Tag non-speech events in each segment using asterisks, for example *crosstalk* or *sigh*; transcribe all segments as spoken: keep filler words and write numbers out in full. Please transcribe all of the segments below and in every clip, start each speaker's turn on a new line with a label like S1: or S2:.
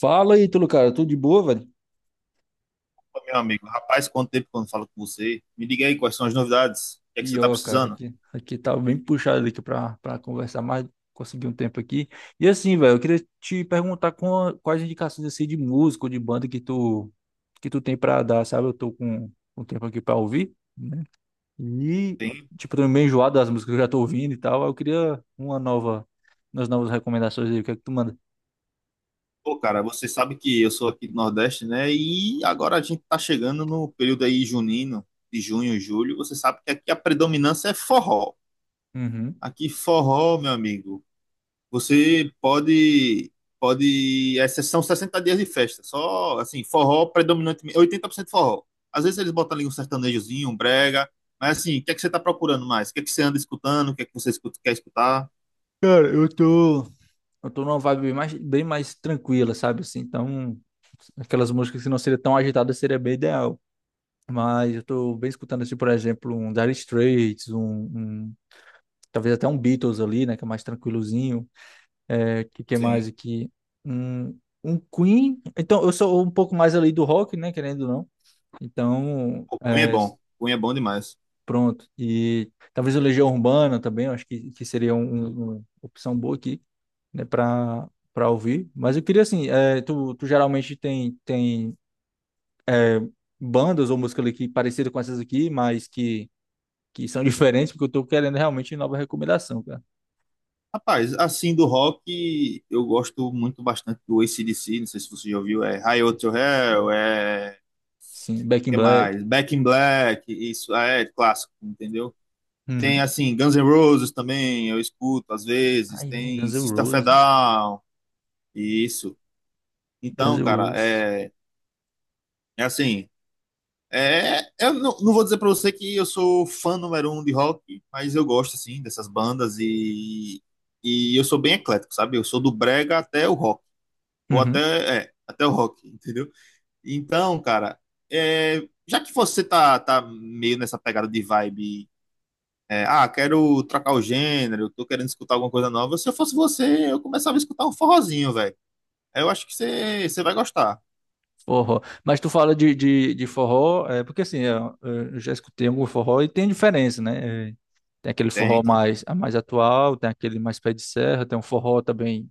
S1: Fala aí, Ítalo, cara, tudo de boa, velho?
S2: Meu amigo, rapaz, quanto tempo que eu não falo com você? Me diga aí quais são as novidades, o que é que você tá
S1: Pior, cara,
S2: precisando?
S1: aqui, aqui tá bem puxado aqui pra, pra conversar mais, conseguir um tempo aqui. E assim, velho, eu queria te perguntar com, quais indicações assim de música ou de banda que tu, que tu tem pra dar, sabe? Eu tô com um tempo aqui pra ouvir, né? E,
S2: Tem?
S1: tipo, tô meio enjoado das músicas que eu já tô ouvindo e tal, eu queria uma nova, umas novas recomendações aí, o que é que tu manda?
S2: Pô, cara, você sabe que eu sou aqui do Nordeste, né? E agora a gente tá chegando no período aí junino, de junho, julho. Você sabe que aqui a predominância é forró.
S1: Uhum.
S2: Aqui forró, meu amigo. Você pode, pode, é, são sessenta dias de festa, só assim, forró predominantemente, oitenta por cento forró. Às vezes eles botam ali um sertanejozinho, um brega, mas assim, o que é que você está procurando mais? O que é que você anda escutando? O que é que você escuta- quer escutar?
S1: Cara, eu tô... Eu tô numa vibe bem mais, bem mais tranquila, sabe? Assim, então. Aquelas músicas que não seriam tão agitadas seria bem ideal. Mas eu tô bem escutando, assim, por exemplo, um Dire Straits, um, um- talvez até um Beatles ali, né? Que é mais tranquilozinho. É, que, que
S2: Sim.
S1: mais aqui? Um, um Queen. Então, eu sou um pouco mais ali do rock, né? Querendo ou não. Então,
S2: Pô, Cunha é
S1: é,
S2: bom, Cunha é bom demais.
S1: pronto. E talvez o Legião Urbana também, eu acho que, que seria um- um, uma opção boa aqui, né? Pra, pra ouvir. Mas eu queria, assim, é, tu, tu geralmente tem, tem bandas ou música ali que parecida com essas aqui, mas que, que são *laughs* diferentes, porque eu tô querendo realmente nova recomendação, cara.
S2: Rapaz, assim, do rock, eu gosto muito bastante do A C/D C, não sei se você já ouviu, é Highway to Hell,
S1: Sim,
S2: é,
S1: Sim, Back in
S2: que
S1: Black.
S2: mais? Back in Black, isso é clássico, entendeu? Tem,
S1: Uhum.
S2: assim, Guns N' Roses também, eu escuto às vezes.
S1: Ai, é,
S2: Tem
S1: Guns N'
S2: System of a
S1: Roses.
S2: Down, isso.
S1: Guns
S2: Então,
S1: N'
S2: cara,
S1: Roses.
S2: é, é assim. É, eu não, não vou dizer pra você que eu sou fã número um de rock, mas eu gosto, assim, dessas bandas e, e eu sou bem eclético, sabe? Eu sou do brega até o rock, ou
S1: Uhum.
S2: até, é, até o rock, *laughs* entendeu? Então, cara, é, já que você tá, tá meio nessa pegada de vibe é, ah, quero trocar o gênero, tô querendo escutar alguma coisa nova. Se eu fosse você, eu começava a escutar um forrozinho, velho. Eu acho que você você vai gostar.
S1: Forró. Mas tu fala de, de, de forró, é, porque assim, eu, eu já escutei algum forró e tem diferença, né? É, tem aquele
S2: Tem,
S1: forró
S2: tem.
S1: mais, mais atual, tem aquele mais pé de serra, tem um forró também.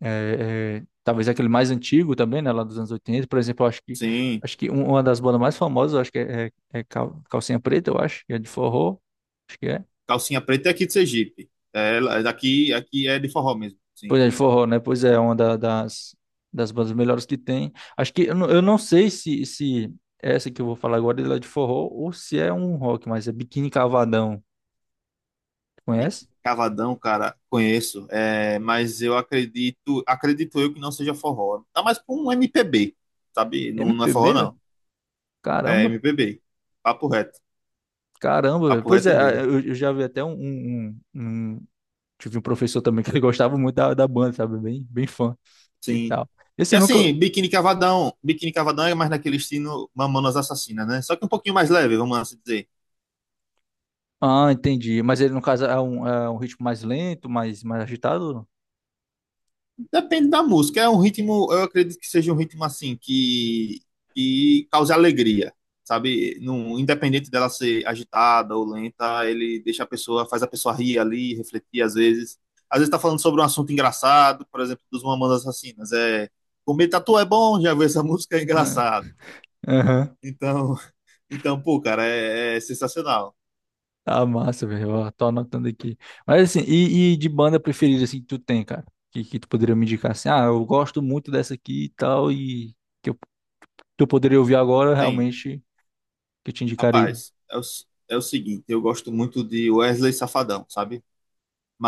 S1: É, é, talvez aquele mais antigo também, né, lá dos anos oitenta por exemplo. eu acho que
S2: Sim.
S1: acho que um- uma das bandas mais famosas, eu acho que é, é, é, Cal- Calcinha Preta, eu acho, que é de forró, acho que é.
S2: Calcinha Preta é aqui de Sergipe. É, ela- é daqui, aqui é de forró mesmo, sim.
S1: Pois é, de forró, né? Pois é, uma da- das das bandas melhores que tem. Acho que eu, não- eu não sei se se essa que eu vou falar agora ela é de forró ou se é um rock, mas é Biquíni Cavadão.
S2: E
S1: Conhece?
S2: Cavadão, cara, conheço. É, mas eu acredito, acredito eu que não seja forró. Tá mais pra um M P B, sabe? Não, não é forró,
S1: M P B,
S2: não.
S1: velho?
S2: É
S1: Caramba.
S2: M P B. Papo reto.
S1: Caramba, velho.
S2: Papo
S1: Pois
S2: reto
S1: é,
S2: mesmo.
S1: eu, eu já vi até um, um, um- Tive um professor também que ele *laughs* gostava muito da, da banda, sabe? Bem, bem fã e
S2: Sim.
S1: tal.
S2: E
S1: Esse eu nunca.
S2: assim, Biquíni Cavadão, Biquíni Cavadão é mais naquele estilo Mamonas Assassinas, né? Só que um pouquinho mais leve, vamos assim dizer.
S1: Ah, entendi. Mas ele, no caso, é um, é um ritmo mais lento, mais, mais agitado?
S2: Depende da música, é um ritmo, eu acredito que seja um ritmo assim, que, que cause alegria, sabe? Não, independente dela ser agitada ou lenta, ele deixa a pessoa, faz a pessoa rir ali, refletir às vezes. Às vezes tá falando sobre um assunto engraçado, por exemplo, dos Mamonas Assassinas, é comer tatu é bom, já viu essa *laughs* música, é
S1: Ah.
S2: engraçado.
S1: Aham.
S2: Então, então pô, cara, é, é sensacional.
S1: Ah, massa, velho. Ó, tô anotando aqui. Mas assim, e, e de banda preferida, assim, que tu tem, cara? Que, que tu poderia me indicar assim? Ah, eu gosto muito dessa aqui e tal, e que eu, que eu poderia ouvir agora,
S2: Tem.
S1: realmente, que eu te indicaria.
S2: Rapaz, é o, s- é o seguinte, eu gosto muito de Wesley Safadão, sabe?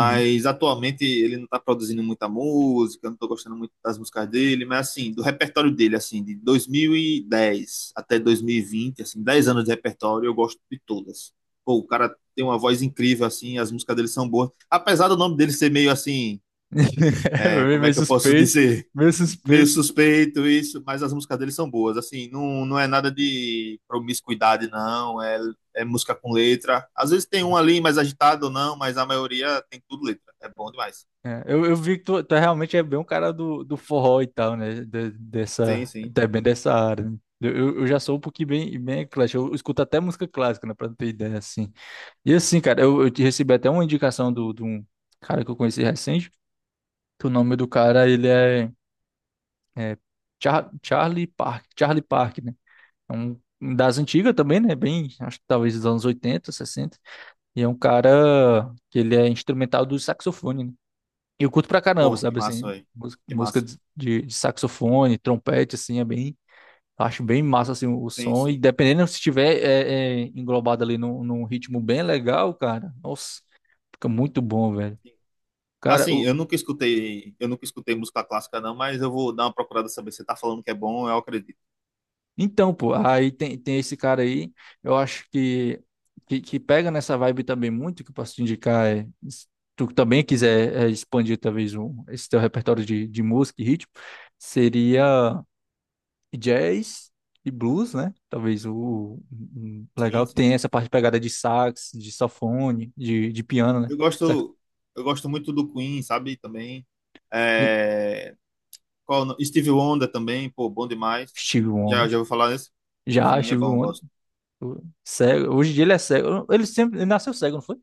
S1: Uhum.
S2: atualmente ele não tá produzindo muita música, eu não tô gostando muito das músicas dele, mas assim, do repertório dele, assim, de dois mil e dez até dois mil e vinte assim, dez anos de repertório, eu gosto de todas. Pô, o cara tem uma voz incrível, assim, as músicas dele são boas. Apesar do nome dele ser meio assim,
S1: *laughs* É
S2: é, como é
S1: meio
S2: que eu posso *laughs*
S1: suspeito,
S2: dizer?
S1: meio
S2: meio
S1: suspeito.
S2: suspeito isso, mas as músicas dele são boas. Assim, não, não é nada de promiscuidade, não. É, é música com letra. Às vezes tem um ali mais agitado ou não, mas a maioria tem tudo letra. É bom demais.
S1: É, eu, eu vi que tu, tu realmente é bem um cara do, do forró e tal, né? De-
S2: Sim,
S1: dessa,
S2: sim.
S1: até bem dessa área, né? Eu, eu eu já sou um pouquinho bem, bem eclético. Eu escuto até música clássica, né? Pra tu ter ideia, assim. E assim, cara, eu, eu te recebi até uma indicação do, de um cara que eu conheci recente, que o nome do cara, ele é, é Char- Charlie Park, Charlie Park, né? É um um das antigas também, né? Bem, acho que talvez dos anos oitenta sessenta. E é um cara que ele é instrumental do saxofone, né? Eu curto pra caramba,
S2: Porra, que
S1: sabe,
S2: massa,
S1: assim,
S2: velho.
S1: mús-
S2: Que
S1: música
S2: massa.
S1: de, de- de saxofone, trompete, assim, é bem, acho bem massa, assim, o, o
S2: Sim,
S1: som, e
S2: sim.
S1: dependendo se estiver é, é, englobado ali num, num ritmo bem legal, cara, nossa, fica muito bom, velho. Cara,
S2: Assim,
S1: o,
S2: eu nunca escutei, eu nunca escutei música clássica, não, mas eu vou dar uma procurada saber. Você tá falando que é bom, eu acredito.
S1: então, pô, aí tem, tem esse cara aí, eu acho que, que, que pega nessa vibe também muito, que eu posso te indicar, é, se tu também quiser é, expandir, talvez, um, esse teu repertório de, de música e ritmo, seria... e jazz e blues, né? Talvez o um- um
S2: Sim,
S1: legal que
S2: sim.
S1: tem essa parte de pegada de sax, de saxofone, de, de piano, né?
S2: Eu
S1: Sax...
S2: gosto, eu gosto muito do Queen, sabe? Também. É, Qual, o no- Steve Wonder também, pô, bom demais.
S1: Steve
S2: Já,
S1: Wonder.
S2: já vou falar nesse?
S1: Já,
S2: Sim, é
S1: Steve
S2: bom,
S1: Wonder.
S2: gosto.
S1: Pô, cego. Hoje em dia ele é cego. Ele sempre ele nasceu cego, não foi?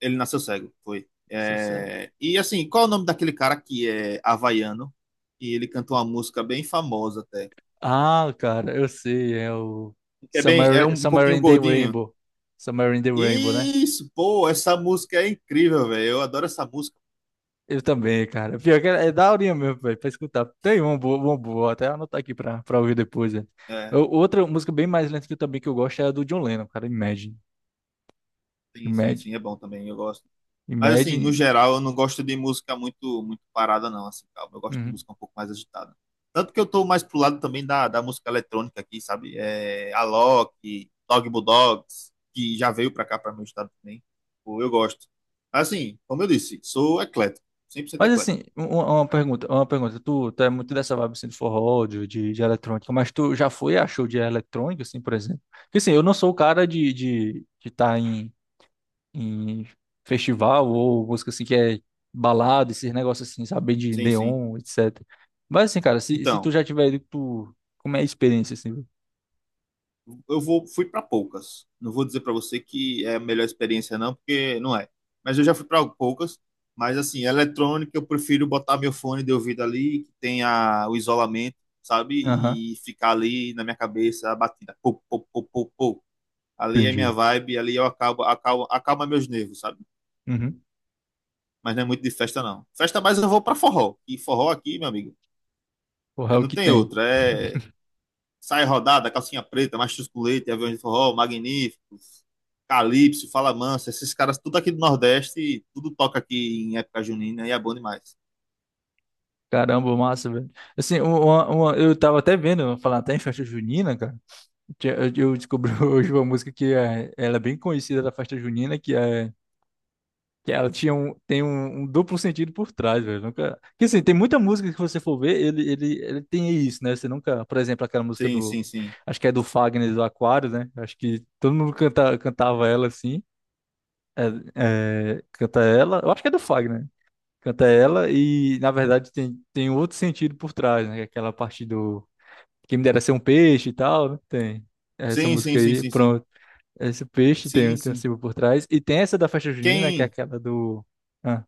S2: Ele nasceu cego, foi.
S1: Nasceu cego.
S2: É, E assim, qual é o nome daquele cara que é havaiano? E ele cantou uma música bem famosa até.
S1: Ah, cara, eu sei. É o
S2: Que é bem, é um
S1: Somewhere,
S2: um
S1: Somewhere
S2: pouquinho
S1: in the
S2: gordinho.
S1: Rainbow. Somewhere in the Rainbow, né?
S2: Isso, pô, essa música é incrível, velho. Eu adoro essa música.
S1: Eu também, cara. Pior que é, é daorinha mesmo, velho, pra escutar. Tem uma boa, uma boa, vou até anotar aqui pra, pra ouvir depois, né?
S2: É,
S1: Eu- Outra música bem mais lenta que eu também que eu gosto é a do John Lennon, cara, Imagine.
S2: sim, sim,
S1: Imagine.
S2: sim, é bom também, eu gosto. Mas assim, no
S1: Imagine.
S2: geral, eu não gosto de música muito muito parada, não, assim, calma. Eu gosto de
S1: Uhum.
S2: música um pouco mais agitada. Tanto que eu tô mais pro lado também da, da música eletrônica aqui, sabe? É, Alok, Dog Bulldogs, que já veio pra cá, pra meu estado também. Pô, eu gosto. Assim, como eu disse, sou eclético, cem por cento
S1: Mas
S2: eclético.
S1: assim, uma, uma pergunta, uma pergunta. Tu, tu é muito dessa vibe assim, de forró, de, de, de eletrônica, mas tu já foi a show de eletrônica, assim, por exemplo? Porque assim, eu não sou o cara de estar de, de tá em em festival ou música assim que é balada, esses negócios assim, saber de
S2: Sim, sim.
S1: neon, etcétera. Mas assim, cara, se, se tu
S2: Então,
S1: já tiver ido, tu... Como é a experiência assim, velho?
S2: eu vou, fui para poucas. Não vou dizer para você que é a melhor experiência, não, porque não é. Mas eu já fui para poucas. Mas, assim, eletrônica, eu prefiro botar meu fone de ouvido ali, que tenha o isolamento, sabe?
S1: Aham.
S2: E ficar ali na minha cabeça a batida. Pô, pô, pô, pô, pô. Ali é minha
S1: Entendi.
S2: vibe, ali eu acabo, acalma, acalma meus nervos, sabe?
S1: Uhum.
S2: Mas não é muito de festa, não. Festa mais eu vou para forró. E forró aqui, meu amigo,
S1: Porra,
S2: é-
S1: é o
S2: não
S1: que
S2: tem
S1: tem.
S2: outra. É
S1: *laughs*
S2: Sai Rodada, Calcinha Preta, Machos com Leite, Aviões de Forró, Magníficos, Calypso, Fala Mansa, esses caras tudo aqui do Nordeste, tudo toca aqui em época junina e é bom demais.
S1: Caramba, massa, velho. Assim, uma, uma- eu tava até vendo, falar até em festa junina, cara. Tinha- Eu eu descobri *laughs* hoje uma música que é, ela é bem conhecida da festa junina, que é que ela tinha um, tem um, um duplo sentido por trás, velho. Nunca... Que assim, tem muita música que você for ver, ele, ele, ele tem isso, né? Você nunca, por exemplo, aquela música
S2: Sim,
S1: do.
S2: sim, sim.
S1: Acho que é do Fagner do Aquário, né? Acho que todo mundo canta, cantava ela assim. É, é, canta ela. Eu acho que é do Fagner. Canta ela e, na verdade, tem, tem outro sentido por trás, né? Aquela parte do. Quem me dera ser um peixe e tal, né? Tem. Essa
S2: Sim, sim,
S1: música
S2: sim,
S1: aí,
S2: sim, sim.
S1: pronto. Esse peixe
S2: Sim,
S1: tem, tem um
S2: sim.
S1: símbolo por trás. E tem essa da festa junina, que é
S2: Quem,
S1: aquela do. Ah,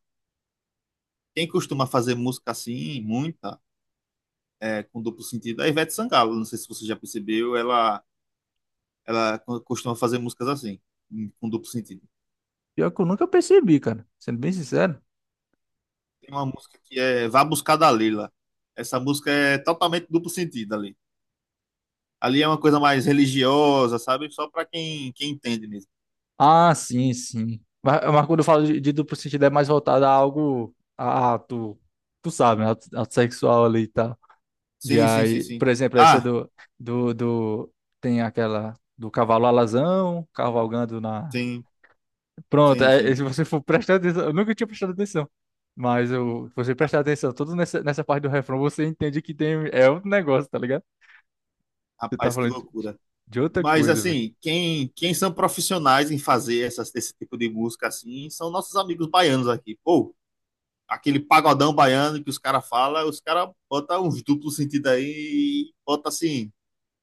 S2: quem costuma fazer música assim, muita, é, com duplo sentido, é a Ivete Sangalo. Não sei se você já percebeu, ela, ela co- costuma fazer músicas assim, em- com duplo sentido.
S1: pior que eu nunca percebi, cara. Sendo bem sincero.
S2: Tem uma música que é Vá Buscar da Leila. Essa música é totalmente duplo sentido ali. Ali é uma coisa mais religiosa, sabe? Só para quem, quem entende mesmo.
S1: Ah, sim, sim. Mas, mas quando eu falo de, de duplo sentido, é mais voltado a algo. A, a- tu, tu sabe, né? Ato, ato sexual ali e tal. E
S2: Sim, sim, sim,
S1: aí,
S2: sim.
S1: por exemplo, essa
S2: Ah,
S1: do, do, do. Tem aquela do cavalo alazão, cavalgando na.
S2: sim,
S1: Pronto,
S2: sim,
S1: é, é,
S2: sim.
S1: se você for prestar atenção. Eu nunca tinha prestado atenção. Mas eu, se você
S2: Ah,
S1: prestar atenção, todo nessa, nessa parte do refrão, você entende que tem. É outro negócio, tá ligado? Você tá
S2: Rapaz, que
S1: falando de,
S2: loucura.
S1: de outra
S2: Mas
S1: coisa,
S2: assim, quem, quem são profissionais em fazer essas- esse tipo de música assim são nossos amigos baianos aqui. Pô, aquele pagodão baiano que os caras falam, os caras botam uns duplos sentido aí, e bota assim.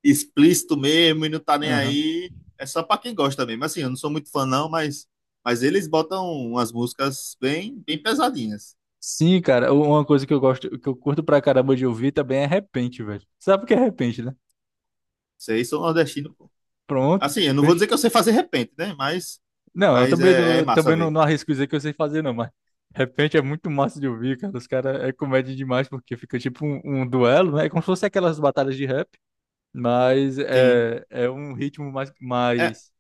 S2: explícito mesmo e não tá nem
S1: velho.
S2: aí. É só pra quem gosta mesmo. Assim, eu não sou muito fã, não, mas, mas eles botam umas músicas bem, bem pesadinhas.
S1: Sim, cara, u- uma coisa que eu gosto, que eu curto pra caramba de ouvir também é repente, velho. Sabe o que é repente, né?
S2: Vocês sou nordestino, pô.
S1: Pronto,
S2: Assim, eu não vou
S1: fech-
S2: dizer que eu sei fazer repente, né? Mas,
S1: Não, eu
S2: mas
S1: também, não-
S2: é, é
S1: eu
S2: massa
S1: também não,
S2: ver.
S1: não arrisco dizer que eu sei fazer, não, mas repente é muito massa de ouvir, cara. Os caras é comédia demais, porque fica tipo um, um duelo, né? É como se fosse aquelas batalhas de rap, mas
S2: Sim.
S1: é, é um ritmo mais,
S2: É,
S1: mais,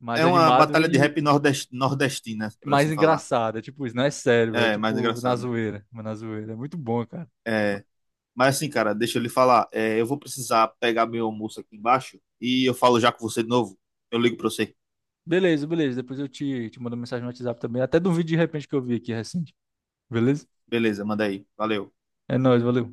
S1: mais
S2: é uma
S1: animado
S2: batalha de
S1: e
S2: rap nordest, nordestina, por
S1: mais
S2: assim falar.
S1: engraçado. É tipo isso, não é sério, velho. É
S2: É, mais
S1: tipo na
S2: engraçado.
S1: zoeira, mas na zoeira. É muito bom, cara.
S2: É, mas assim, cara, deixa eu lhe falar. É, eu vou precisar pegar meu almoço aqui embaixo e eu falo já com você de novo. Eu ligo pra você.
S1: Beleza, beleza. Depois eu te, te mando mensagem no WhatsApp também. Até de um vídeo de repente que eu vi aqui recente. Beleza?
S2: Beleza, manda aí. Valeu.
S1: É nóis, valeu.